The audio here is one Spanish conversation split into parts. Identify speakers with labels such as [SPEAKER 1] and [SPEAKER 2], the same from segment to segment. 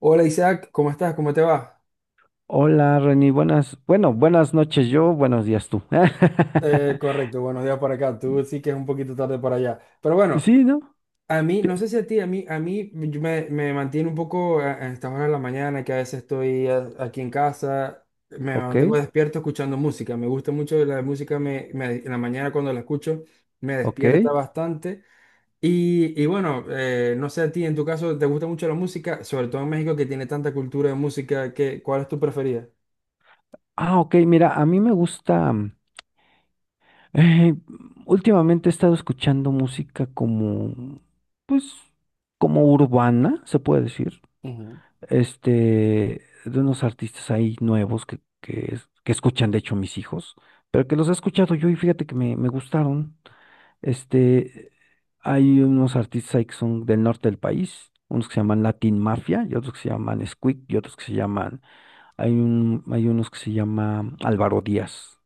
[SPEAKER 1] Hola Isaac, ¿cómo estás? ¿Cómo te va?
[SPEAKER 2] Hola, Reni, bueno, buenas noches yo, buenos días tú.
[SPEAKER 1] Correcto, buenos días por acá. Tú sí que es un poquito tarde por allá. Pero bueno,
[SPEAKER 2] Sí, ¿no?
[SPEAKER 1] a mí,
[SPEAKER 2] Sí.
[SPEAKER 1] no sé si a ti, a mí yo me mantiene un poco a estas horas de la mañana, que a veces estoy aquí en casa, me
[SPEAKER 2] Ok,
[SPEAKER 1] mantengo despierto escuchando música. Me gusta mucho la música, en la mañana cuando la escucho me
[SPEAKER 2] ok.
[SPEAKER 1] despierta bastante. Y bueno, no sé a ti, en tu caso, ¿te gusta mucho la música? Sobre todo en México que tiene tanta cultura de música, que, ¿cuál es tu preferida?
[SPEAKER 2] Ah, ok, mira, a mí me gusta, eh, últimamente he estado escuchando música como, pues, como urbana, se puede decir,
[SPEAKER 1] Ujú,
[SPEAKER 2] este, de unos artistas ahí nuevos que escuchan, de hecho, mis hijos, pero que los he escuchado yo y fíjate que me gustaron. Este, hay unos artistas ahí que son del norte del país, unos que se llaman Latin Mafia y otros que se llaman Squeak y otros que se llaman, hay unos que se llama Álvaro Díaz.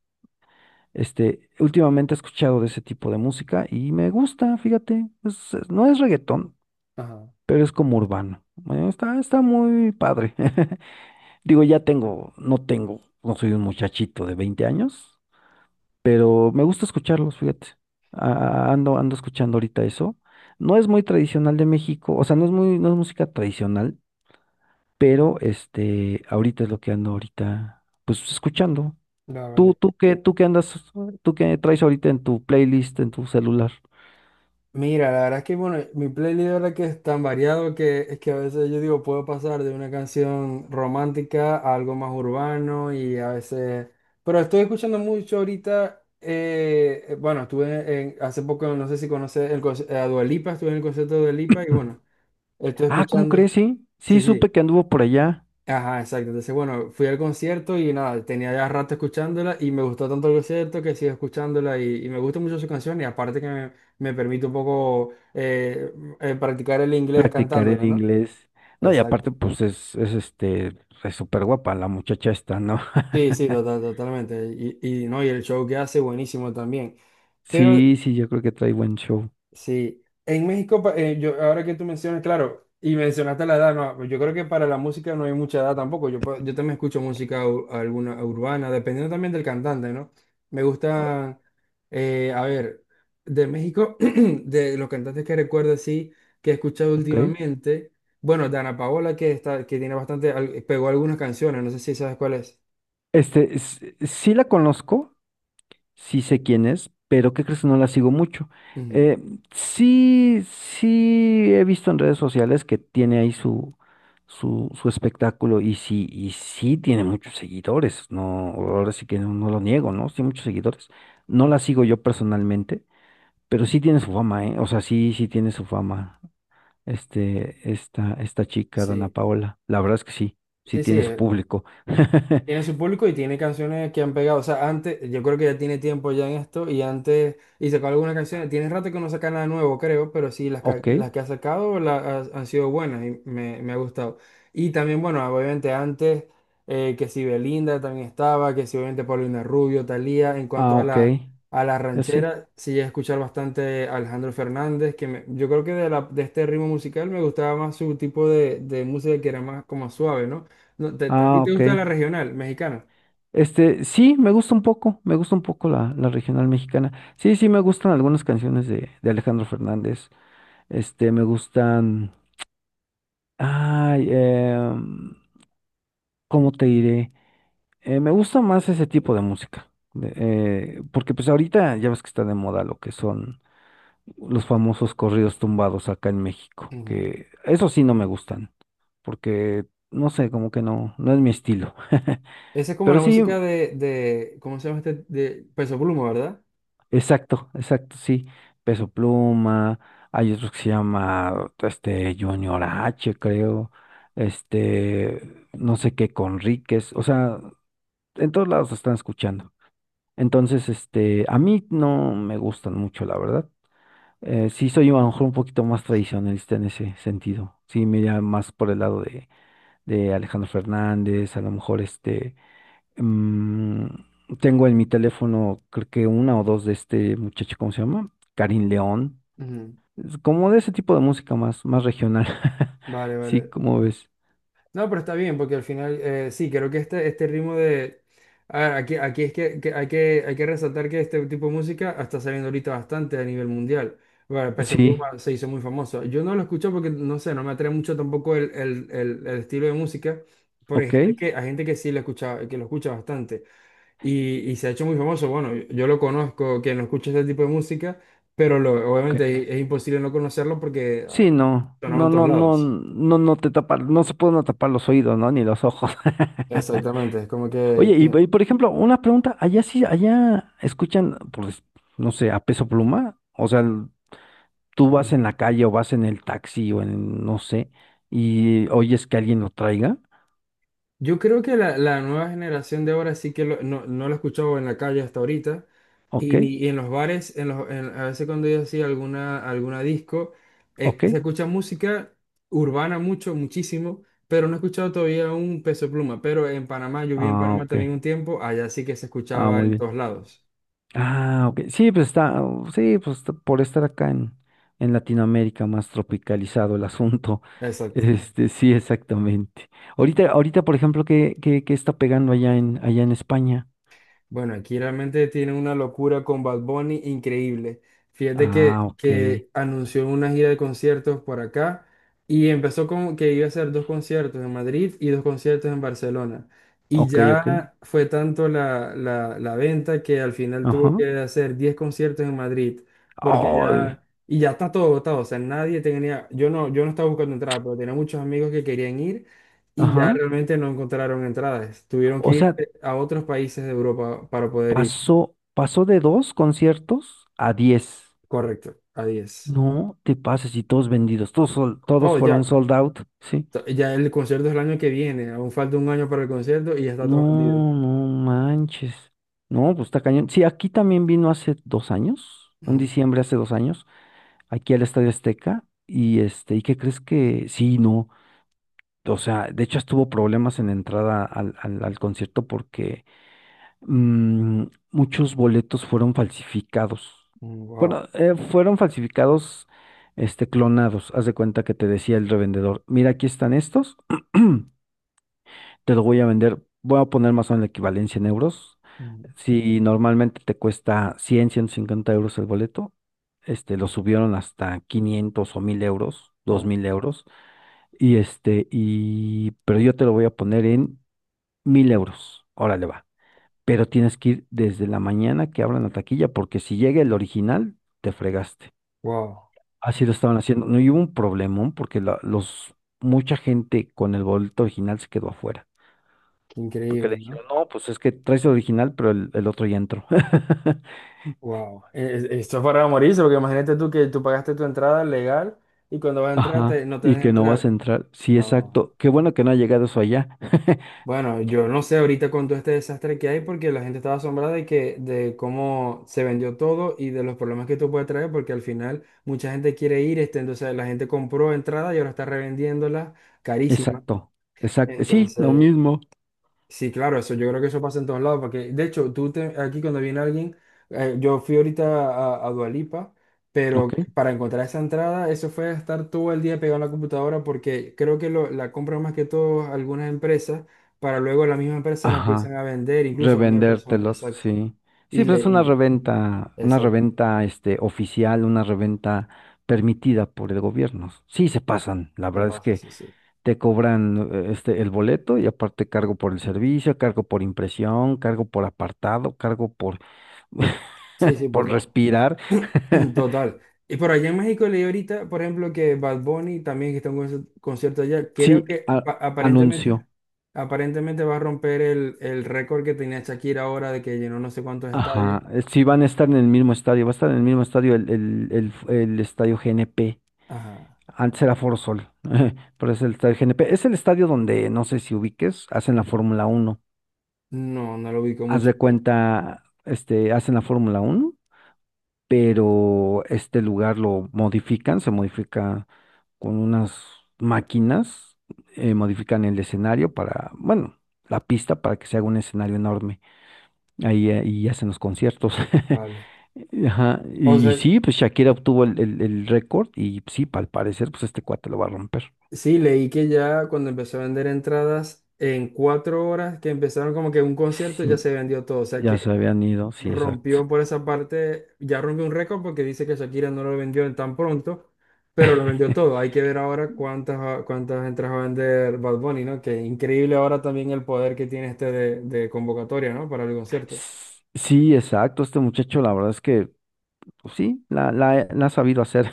[SPEAKER 2] Este, últimamente he escuchado de ese tipo de música y me gusta, fíjate, no es reggaetón,
[SPEAKER 1] ajá,
[SPEAKER 2] pero es como urbano. Está muy padre. Digo, ya tengo, no soy un muchachito de 20 años, pero me gusta escucharlos, fíjate. Ando escuchando ahorita eso. No es muy tradicional de México, o sea, no es muy, no es música tradicional, pero este, ahorita es lo que ando ahorita, pues escuchando.
[SPEAKER 1] ya,
[SPEAKER 2] ¿Tú,
[SPEAKER 1] vale.
[SPEAKER 2] tú qué, tú qué andas, tú qué traes ahorita en tu playlist, en tu celular?
[SPEAKER 1] Mira, la verdad es que bueno, mi playlist ahora que es tan variado que es que a veces yo digo, puedo pasar de una canción romántica a algo más urbano y a veces, pero estoy escuchando mucho ahorita, bueno, hace poco, no sé si conoces a Dua Lipa, estuve en el concierto de Dua Lipa y
[SPEAKER 2] Mm.
[SPEAKER 1] bueno, estoy
[SPEAKER 2] Ah, ¿cómo
[SPEAKER 1] escuchando,
[SPEAKER 2] crees? Sí,
[SPEAKER 1] sí,
[SPEAKER 2] sí, supe
[SPEAKER 1] sí.
[SPEAKER 2] que anduvo por allá.
[SPEAKER 1] Ajá, exacto. Entonces, bueno, fui al concierto y nada, tenía ya rato escuchándola y me gustó tanto el concierto que sigo escuchándola y me gusta mucho su canción y aparte que me permite un poco practicar el inglés
[SPEAKER 2] Practicaré el
[SPEAKER 1] cantándola, ¿no?
[SPEAKER 2] inglés. No, y
[SPEAKER 1] Exacto.
[SPEAKER 2] aparte, pues es súper guapa la muchacha esta, ¿no?
[SPEAKER 1] Sí, sí, total- totalmente. Y no, y el show que hace buenísimo también. Pero
[SPEAKER 2] Sí, sí, yo creo que trae buen show.
[SPEAKER 1] sí, en México, yo, ahora que tú mencionas, claro, y mencionaste la edad, no, yo creo que para la música no hay mucha edad tampoco. Yo, yo también escucho música alguna urbana, dependiendo también del cantante, ¿no? Me
[SPEAKER 2] O-
[SPEAKER 1] gusta, a ver, de México, de los cantantes que recuerdo así, que he escuchado
[SPEAKER 2] Ok.
[SPEAKER 1] últimamente, bueno, Dana Paola, que está, que tiene bastante, pegó algunas canciones, no sé si sabes cuál es.
[SPEAKER 2] Este, sí la conozco, sí sé quién es, pero ¿qué crees que no la sigo mucho?
[SPEAKER 1] Ujú.
[SPEAKER 2] Eh, sí, sí he visto en redes sociales que tiene ahí su espectáculo y sí tiene muchos seguidores, no, ahora sí que no, no lo niego, ¿no? Sí, muchos seguidores. No la sigo yo personalmente, pero sí tiene su fama, ¿eh? O sea, sí, sí tiene su fama, este, esta chica, Dana
[SPEAKER 1] Sí,
[SPEAKER 2] Paola. La verdad es que sí, sí
[SPEAKER 1] sí, sí.
[SPEAKER 2] tiene su público.
[SPEAKER 1] Tiene su público y tiene canciones que han pegado. O sea, antes, yo creo que ya tiene tiempo ya en esto y antes, y sacó algunas canciones. Tiene rato que no saca nada nuevo, creo, pero sí, las,
[SPEAKER 2] Ok,
[SPEAKER 1] las que ha sacado han sido buenas y me ha gustado. Y también, bueno, obviamente antes, que si Belinda también estaba, que si obviamente Paulina Rubio, Thalía, en cuanto
[SPEAKER 2] ah, ok.
[SPEAKER 1] a la
[SPEAKER 2] Sí.
[SPEAKER 1] ranchera, sí llegué a escuchar bastante a Alejandro Fernández, yo creo que de, la, de este ritmo musical me gustaba más su tipo de música que era más como suave, ¿no? No, ¿a ti
[SPEAKER 2] Ah,
[SPEAKER 1] te
[SPEAKER 2] ok.
[SPEAKER 1] gusta la regional mexicana?
[SPEAKER 2] Este, sí, me gusta un poco la regional mexicana. Sí, sí, me gustan algunas canciones de Alejandro Fernández. Este, me gustan. Ay, em, ¿cómo te diré? Me gusta más ese tipo de música. Porque pues ahorita ya ves que está de moda lo que son los famosos corridos tumbados acá en México.
[SPEAKER 1] Ujú.
[SPEAKER 2] Que eso sí no me gustan. Porque, no sé, como que no, no es mi estilo.
[SPEAKER 1] Esa es como
[SPEAKER 2] Pero
[SPEAKER 1] la
[SPEAKER 2] sí.
[SPEAKER 1] música de, ¿cómo se llama este? De Peso Pluma, ¿verdad?
[SPEAKER 2] Exacto, exacto, sí. Peso Pluma, hay otro que se llama este Junior H, creo. Este, no sé qué, Conríquez. O sea, en todos lados lo están escuchando. Entonces, este, a mí no me gustan mucho, la verdad. Sí soy a lo mejor un poquito más tradicionalista en ese sentido. Sí, me iría más por el lado de Alejandro Fernández, a lo mejor este. Mm, tengo en mi teléfono, creo que una o dos de este muchacho, ¿cómo se llama? Karin León.
[SPEAKER 1] Ujú.
[SPEAKER 2] Es como de ese tipo de música más, más regional.
[SPEAKER 1] Vale,
[SPEAKER 2] Sí,
[SPEAKER 1] vale.
[SPEAKER 2] ¿cómo ves?
[SPEAKER 1] No, pero está bien, porque al final, sí, creo que este ritmo de... A ver, aquí es que, hay que resaltar que este tipo de música está saliendo ahorita bastante a nivel mundial. Bueno, Peso
[SPEAKER 2] Sí,
[SPEAKER 1] Pluma se hizo muy famoso. Yo no lo escucho porque, no sé, no me atrae mucho tampoco el estilo de música, pero
[SPEAKER 2] ok,
[SPEAKER 1] hay gente que sí lo escucha, que lo escucha bastante. Y, y se ha hecho muy famoso. Bueno, yo, lo conozco, quien no escucha este tipo de música, pero lo,
[SPEAKER 2] ok.
[SPEAKER 1] obviamente es imposible no conocerlo porque
[SPEAKER 2] Sí, no,
[SPEAKER 1] sonaba
[SPEAKER 2] no,
[SPEAKER 1] en todos
[SPEAKER 2] no, no,
[SPEAKER 1] lados.
[SPEAKER 2] no, no te tapa, no se pueden tapar los oídos, ¿no? Ni los ojos.
[SPEAKER 1] Exactamente, es como que...
[SPEAKER 2] Oye, y,
[SPEAKER 1] tiene-
[SPEAKER 2] y, por ejemplo, una pregunta, allá sí, allá escuchan, pues, no sé, a Peso Pluma, o sea, tú vas en la calle o vas en el taxi o en no sé y oyes que alguien lo traiga,
[SPEAKER 1] Yo creo que la nueva generación de ahora sí no, no lo he escuchado en la calle hasta ahorita.
[SPEAKER 2] ok,
[SPEAKER 1] Y, y en los bares, a veces cuando yo hacía alguna, alguna disco,
[SPEAKER 2] ok,
[SPEAKER 1] se escucha música urbana mucho, muchísimo, pero no he escuchado todavía un Peso Pluma. Pero en Panamá, yo viví en
[SPEAKER 2] ah,
[SPEAKER 1] Panamá
[SPEAKER 2] ok,
[SPEAKER 1] también un tiempo, allá sí que se
[SPEAKER 2] ah,
[SPEAKER 1] escuchaba
[SPEAKER 2] muy
[SPEAKER 1] en
[SPEAKER 2] bien,
[SPEAKER 1] todos lados.
[SPEAKER 2] ah, ok, sí, pues está, sí, por estar acá en, Latinoamérica más tropicalizado el asunto,
[SPEAKER 1] Exacto.
[SPEAKER 2] este, sí, exactamente. Ahorita, ahorita, por ejemplo, ¿qué está pegando allá en España?
[SPEAKER 1] Bueno, aquí realmente tiene una locura con Bad Bunny increíble. Fíjate
[SPEAKER 2] Ah, ok,
[SPEAKER 1] que anunció una gira de conciertos por acá y empezó con que iba a hacer dos conciertos en Madrid y dos conciertos en Barcelona. Y
[SPEAKER 2] ok, ok,
[SPEAKER 1] ya fue tanto la venta que al final tuvo
[SPEAKER 2] ajá,
[SPEAKER 1] que hacer 10 conciertos en Madrid porque
[SPEAKER 2] ay,
[SPEAKER 1] ya, y ya está todo agotado. O sea, nadie tenía, yo no estaba buscando entradas, pero tenía muchos amigos que querían ir y ya
[SPEAKER 2] ajá.
[SPEAKER 1] realmente no encontraron entradas. Tuvieron
[SPEAKER 2] O
[SPEAKER 1] que ir
[SPEAKER 2] sea,
[SPEAKER 1] a otros países de Europa para poder ir.
[SPEAKER 2] pasó de dos conciertos a 10.
[SPEAKER 1] Correcto, a 10.
[SPEAKER 2] No te pases y todos vendidos, todos
[SPEAKER 1] No,
[SPEAKER 2] fueron
[SPEAKER 1] ya,
[SPEAKER 2] sold out, sí.
[SPEAKER 1] ya el concierto es el año que viene. Aún falta un año para el concierto y ya está todo vendido.
[SPEAKER 2] No, no manches. No, pues está cañón. Sí, aquí también vino hace 2 años, en
[SPEAKER 1] Ujú,
[SPEAKER 2] diciembre hace 2 años, aquí al Estadio Azteca. Y este, ¿y qué crees que? Sí, no. O sea, de hecho estuvo problemas en la entrada al concierto porque mm, muchos boletos fueron falsificados.
[SPEAKER 1] ujú,
[SPEAKER 2] Bueno,
[SPEAKER 1] wow,
[SPEAKER 2] fueron falsificados, este, clonados. Haz de cuenta que te decía el revendedor, mira, aquí están estos, te lo voy a vender, voy a poner más o menos la equivalencia en euros.
[SPEAKER 1] ujú,
[SPEAKER 2] Si normalmente te cuesta 100 150 euros el boleto, este, lo subieron hasta 500 o 1.000 euros, dos
[SPEAKER 1] wow,
[SPEAKER 2] mil euros, pero yo te lo voy a poner en 1.000 euros. Órale, va, pero tienes que ir desde la mañana que abran la taquilla, porque si llega el original, te fregaste.
[SPEAKER 1] wow.
[SPEAKER 2] Así lo estaban haciendo. No, y hubo un problemón porque mucha gente con el boleto original se quedó afuera.
[SPEAKER 1] Qué
[SPEAKER 2] Porque le
[SPEAKER 1] increíble, ¿no?
[SPEAKER 2] dijeron, no, pues es que traes el original, pero el otro ya entró.
[SPEAKER 1] Wow. Esto es para morirse, porque imagínate tú que tú pagaste tu entrada legal y cuando vas a entrar
[SPEAKER 2] Ajá.
[SPEAKER 1] no te
[SPEAKER 2] Y
[SPEAKER 1] dejan
[SPEAKER 2] que no vas
[SPEAKER 1] entrar.
[SPEAKER 2] a entrar. Sí,
[SPEAKER 1] No.
[SPEAKER 2] exacto. Qué bueno que no ha llegado eso allá.
[SPEAKER 1] Bueno, yo no sé ahorita con todo este desastre que hay porque la gente estaba asombrada de que de cómo se vendió todo y de los problemas que esto puede traer porque al final mucha gente quiere ir, este, entonces la gente compró entrada y ahora está revendiéndola carísima.
[SPEAKER 2] Exacto. Exacto. Sí, lo
[SPEAKER 1] Entonces,
[SPEAKER 2] mismo.
[SPEAKER 1] sí, claro, eso, yo creo que eso pasa en todos lados, porque de hecho, aquí cuando viene alguien, yo fui ahorita a Dua Lipa,
[SPEAKER 2] Ok.
[SPEAKER 1] pero para encontrar esa entrada, eso fue estar todo el día pegado en la computadora, porque creo que la compran más que todo algunas empresas, para luego las mismas empresas la empiezan
[SPEAKER 2] Ajá.
[SPEAKER 1] a vender, incluso a la misma persona,
[SPEAKER 2] Revendértelos,
[SPEAKER 1] exacto,
[SPEAKER 2] sí.
[SPEAKER 1] y
[SPEAKER 2] Sí,
[SPEAKER 1] le,
[SPEAKER 2] pues es
[SPEAKER 1] y,
[SPEAKER 2] una
[SPEAKER 1] exacto,
[SPEAKER 2] reventa este oficial, una reventa permitida por el gobierno. Sí se pasan, la
[SPEAKER 1] se
[SPEAKER 2] verdad es
[SPEAKER 1] pasa,
[SPEAKER 2] que
[SPEAKER 1] sí, sí,
[SPEAKER 2] te cobran este el boleto y aparte cargo por el servicio, cargo por impresión, cargo por apartado, cargo por
[SPEAKER 1] sí, sí, por
[SPEAKER 2] por
[SPEAKER 1] todo.
[SPEAKER 2] respirar.
[SPEAKER 1] Total. Y por allá en México leí ahorita, por ejemplo, que Bad Bunny también que está en un concierto allá. Creo
[SPEAKER 2] Sí,
[SPEAKER 1] que aparentemente,
[SPEAKER 2] anuncio.
[SPEAKER 1] aparentemente va a romper el récord que tenía Shakira ahora de que llenó no sé cuántos estadios.
[SPEAKER 2] Ajá, sí van a estar en el mismo estadio, va a estar en el mismo estadio el estadio GNP.
[SPEAKER 1] Ajá.
[SPEAKER 2] Antes era Foro Sol, pero es el estadio GNP. Es el estadio donde, no sé si ubiques, hacen la Fórmula 1.
[SPEAKER 1] No, no lo ubico
[SPEAKER 2] Haz
[SPEAKER 1] mucho,
[SPEAKER 2] de
[SPEAKER 1] pero
[SPEAKER 2] cuenta, este, hacen la Fórmula 1, pero este lugar lo modifican, se modifica con unas máquinas, modifican el escenario para, bueno, la pista para que se haga un escenario enorme. Ahí, y hacen los conciertos.
[SPEAKER 1] vale.
[SPEAKER 2] Ajá,
[SPEAKER 1] O
[SPEAKER 2] y
[SPEAKER 1] sea,
[SPEAKER 2] sí, pues Shakira obtuvo el récord y sí, al parecer, pues este cuate lo va a romper.
[SPEAKER 1] sí, leí que ya cuando empezó a vender entradas, en 4 horas que empezaron como que un concierto ya
[SPEAKER 2] Sí,
[SPEAKER 1] se vendió todo. O sea
[SPEAKER 2] ya se
[SPEAKER 1] que
[SPEAKER 2] habían ido, sí, exacto.
[SPEAKER 1] rompió por esa parte, ya rompió un récord porque dice que Shakira no lo vendió en tan pronto, pero lo vendió todo. Hay que ver ahora cuántas, cuántas entradas va a vender Bad Bunny, ¿no? Que increíble ahora también el poder que tiene este de convocatoria, ¿no? Para el concierto.
[SPEAKER 2] Sí, exacto, este muchacho, la verdad es que, pues sí, la ha sabido hacer.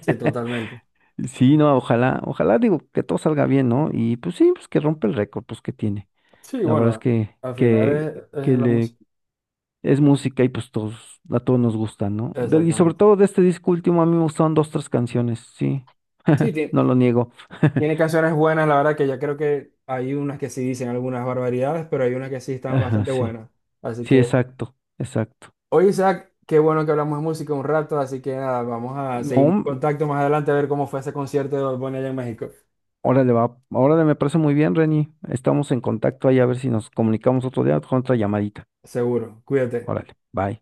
[SPEAKER 1] Sí, totalmente.
[SPEAKER 2] Sí, no, ojalá, ojalá, digo, que todo salga bien, ¿no? Y pues sí, pues que rompe el récord, pues que tiene.
[SPEAKER 1] Sí,
[SPEAKER 2] La verdad es
[SPEAKER 1] bueno,
[SPEAKER 2] que,
[SPEAKER 1] al final
[SPEAKER 2] que,
[SPEAKER 1] es
[SPEAKER 2] que
[SPEAKER 1] la
[SPEAKER 2] le,
[SPEAKER 1] música.
[SPEAKER 2] es música y pues a todos nos gusta, ¿no? Y sobre
[SPEAKER 1] Exactamente.
[SPEAKER 2] todo de este disco último, a mí me gustaron dos, tres canciones, sí,
[SPEAKER 1] Sí, tiene,
[SPEAKER 2] no lo niego.
[SPEAKER 1] tiene canciones buenas, la verdad que ya creo que hay unas que sí dicen algunas barbaridades, pero hay unas que sí están
[SPEAKER 2] Ajá,
[SPEAKER 1] bastante
[SPEAKER 2] sí,
[SPEAKER 1] buenas. Así
[SPEAKER 2] sí,
[SPEAKER 1] que...
[SPEAKER 2] exacto, exacto.
[SPEAKER 1] Oye, Isaac, qué bueno que hablamos de música un rato, así que nada, vamos a seguir en
[SPEAKER 2] No,
[SPEAKER 1] contacto más adelante a ver cómo fue ese concierto de Bad Bunny allá en México.
[SPEAKER 2] órale, va. Órale, me parece muy bien, Reni. Estamos en contacto ahí a ver si nos comunicamos otro día con otra llamadita.
[SPEAKER 1] Seguro, cuídate.
[SPEAKER 2] Órale, bye.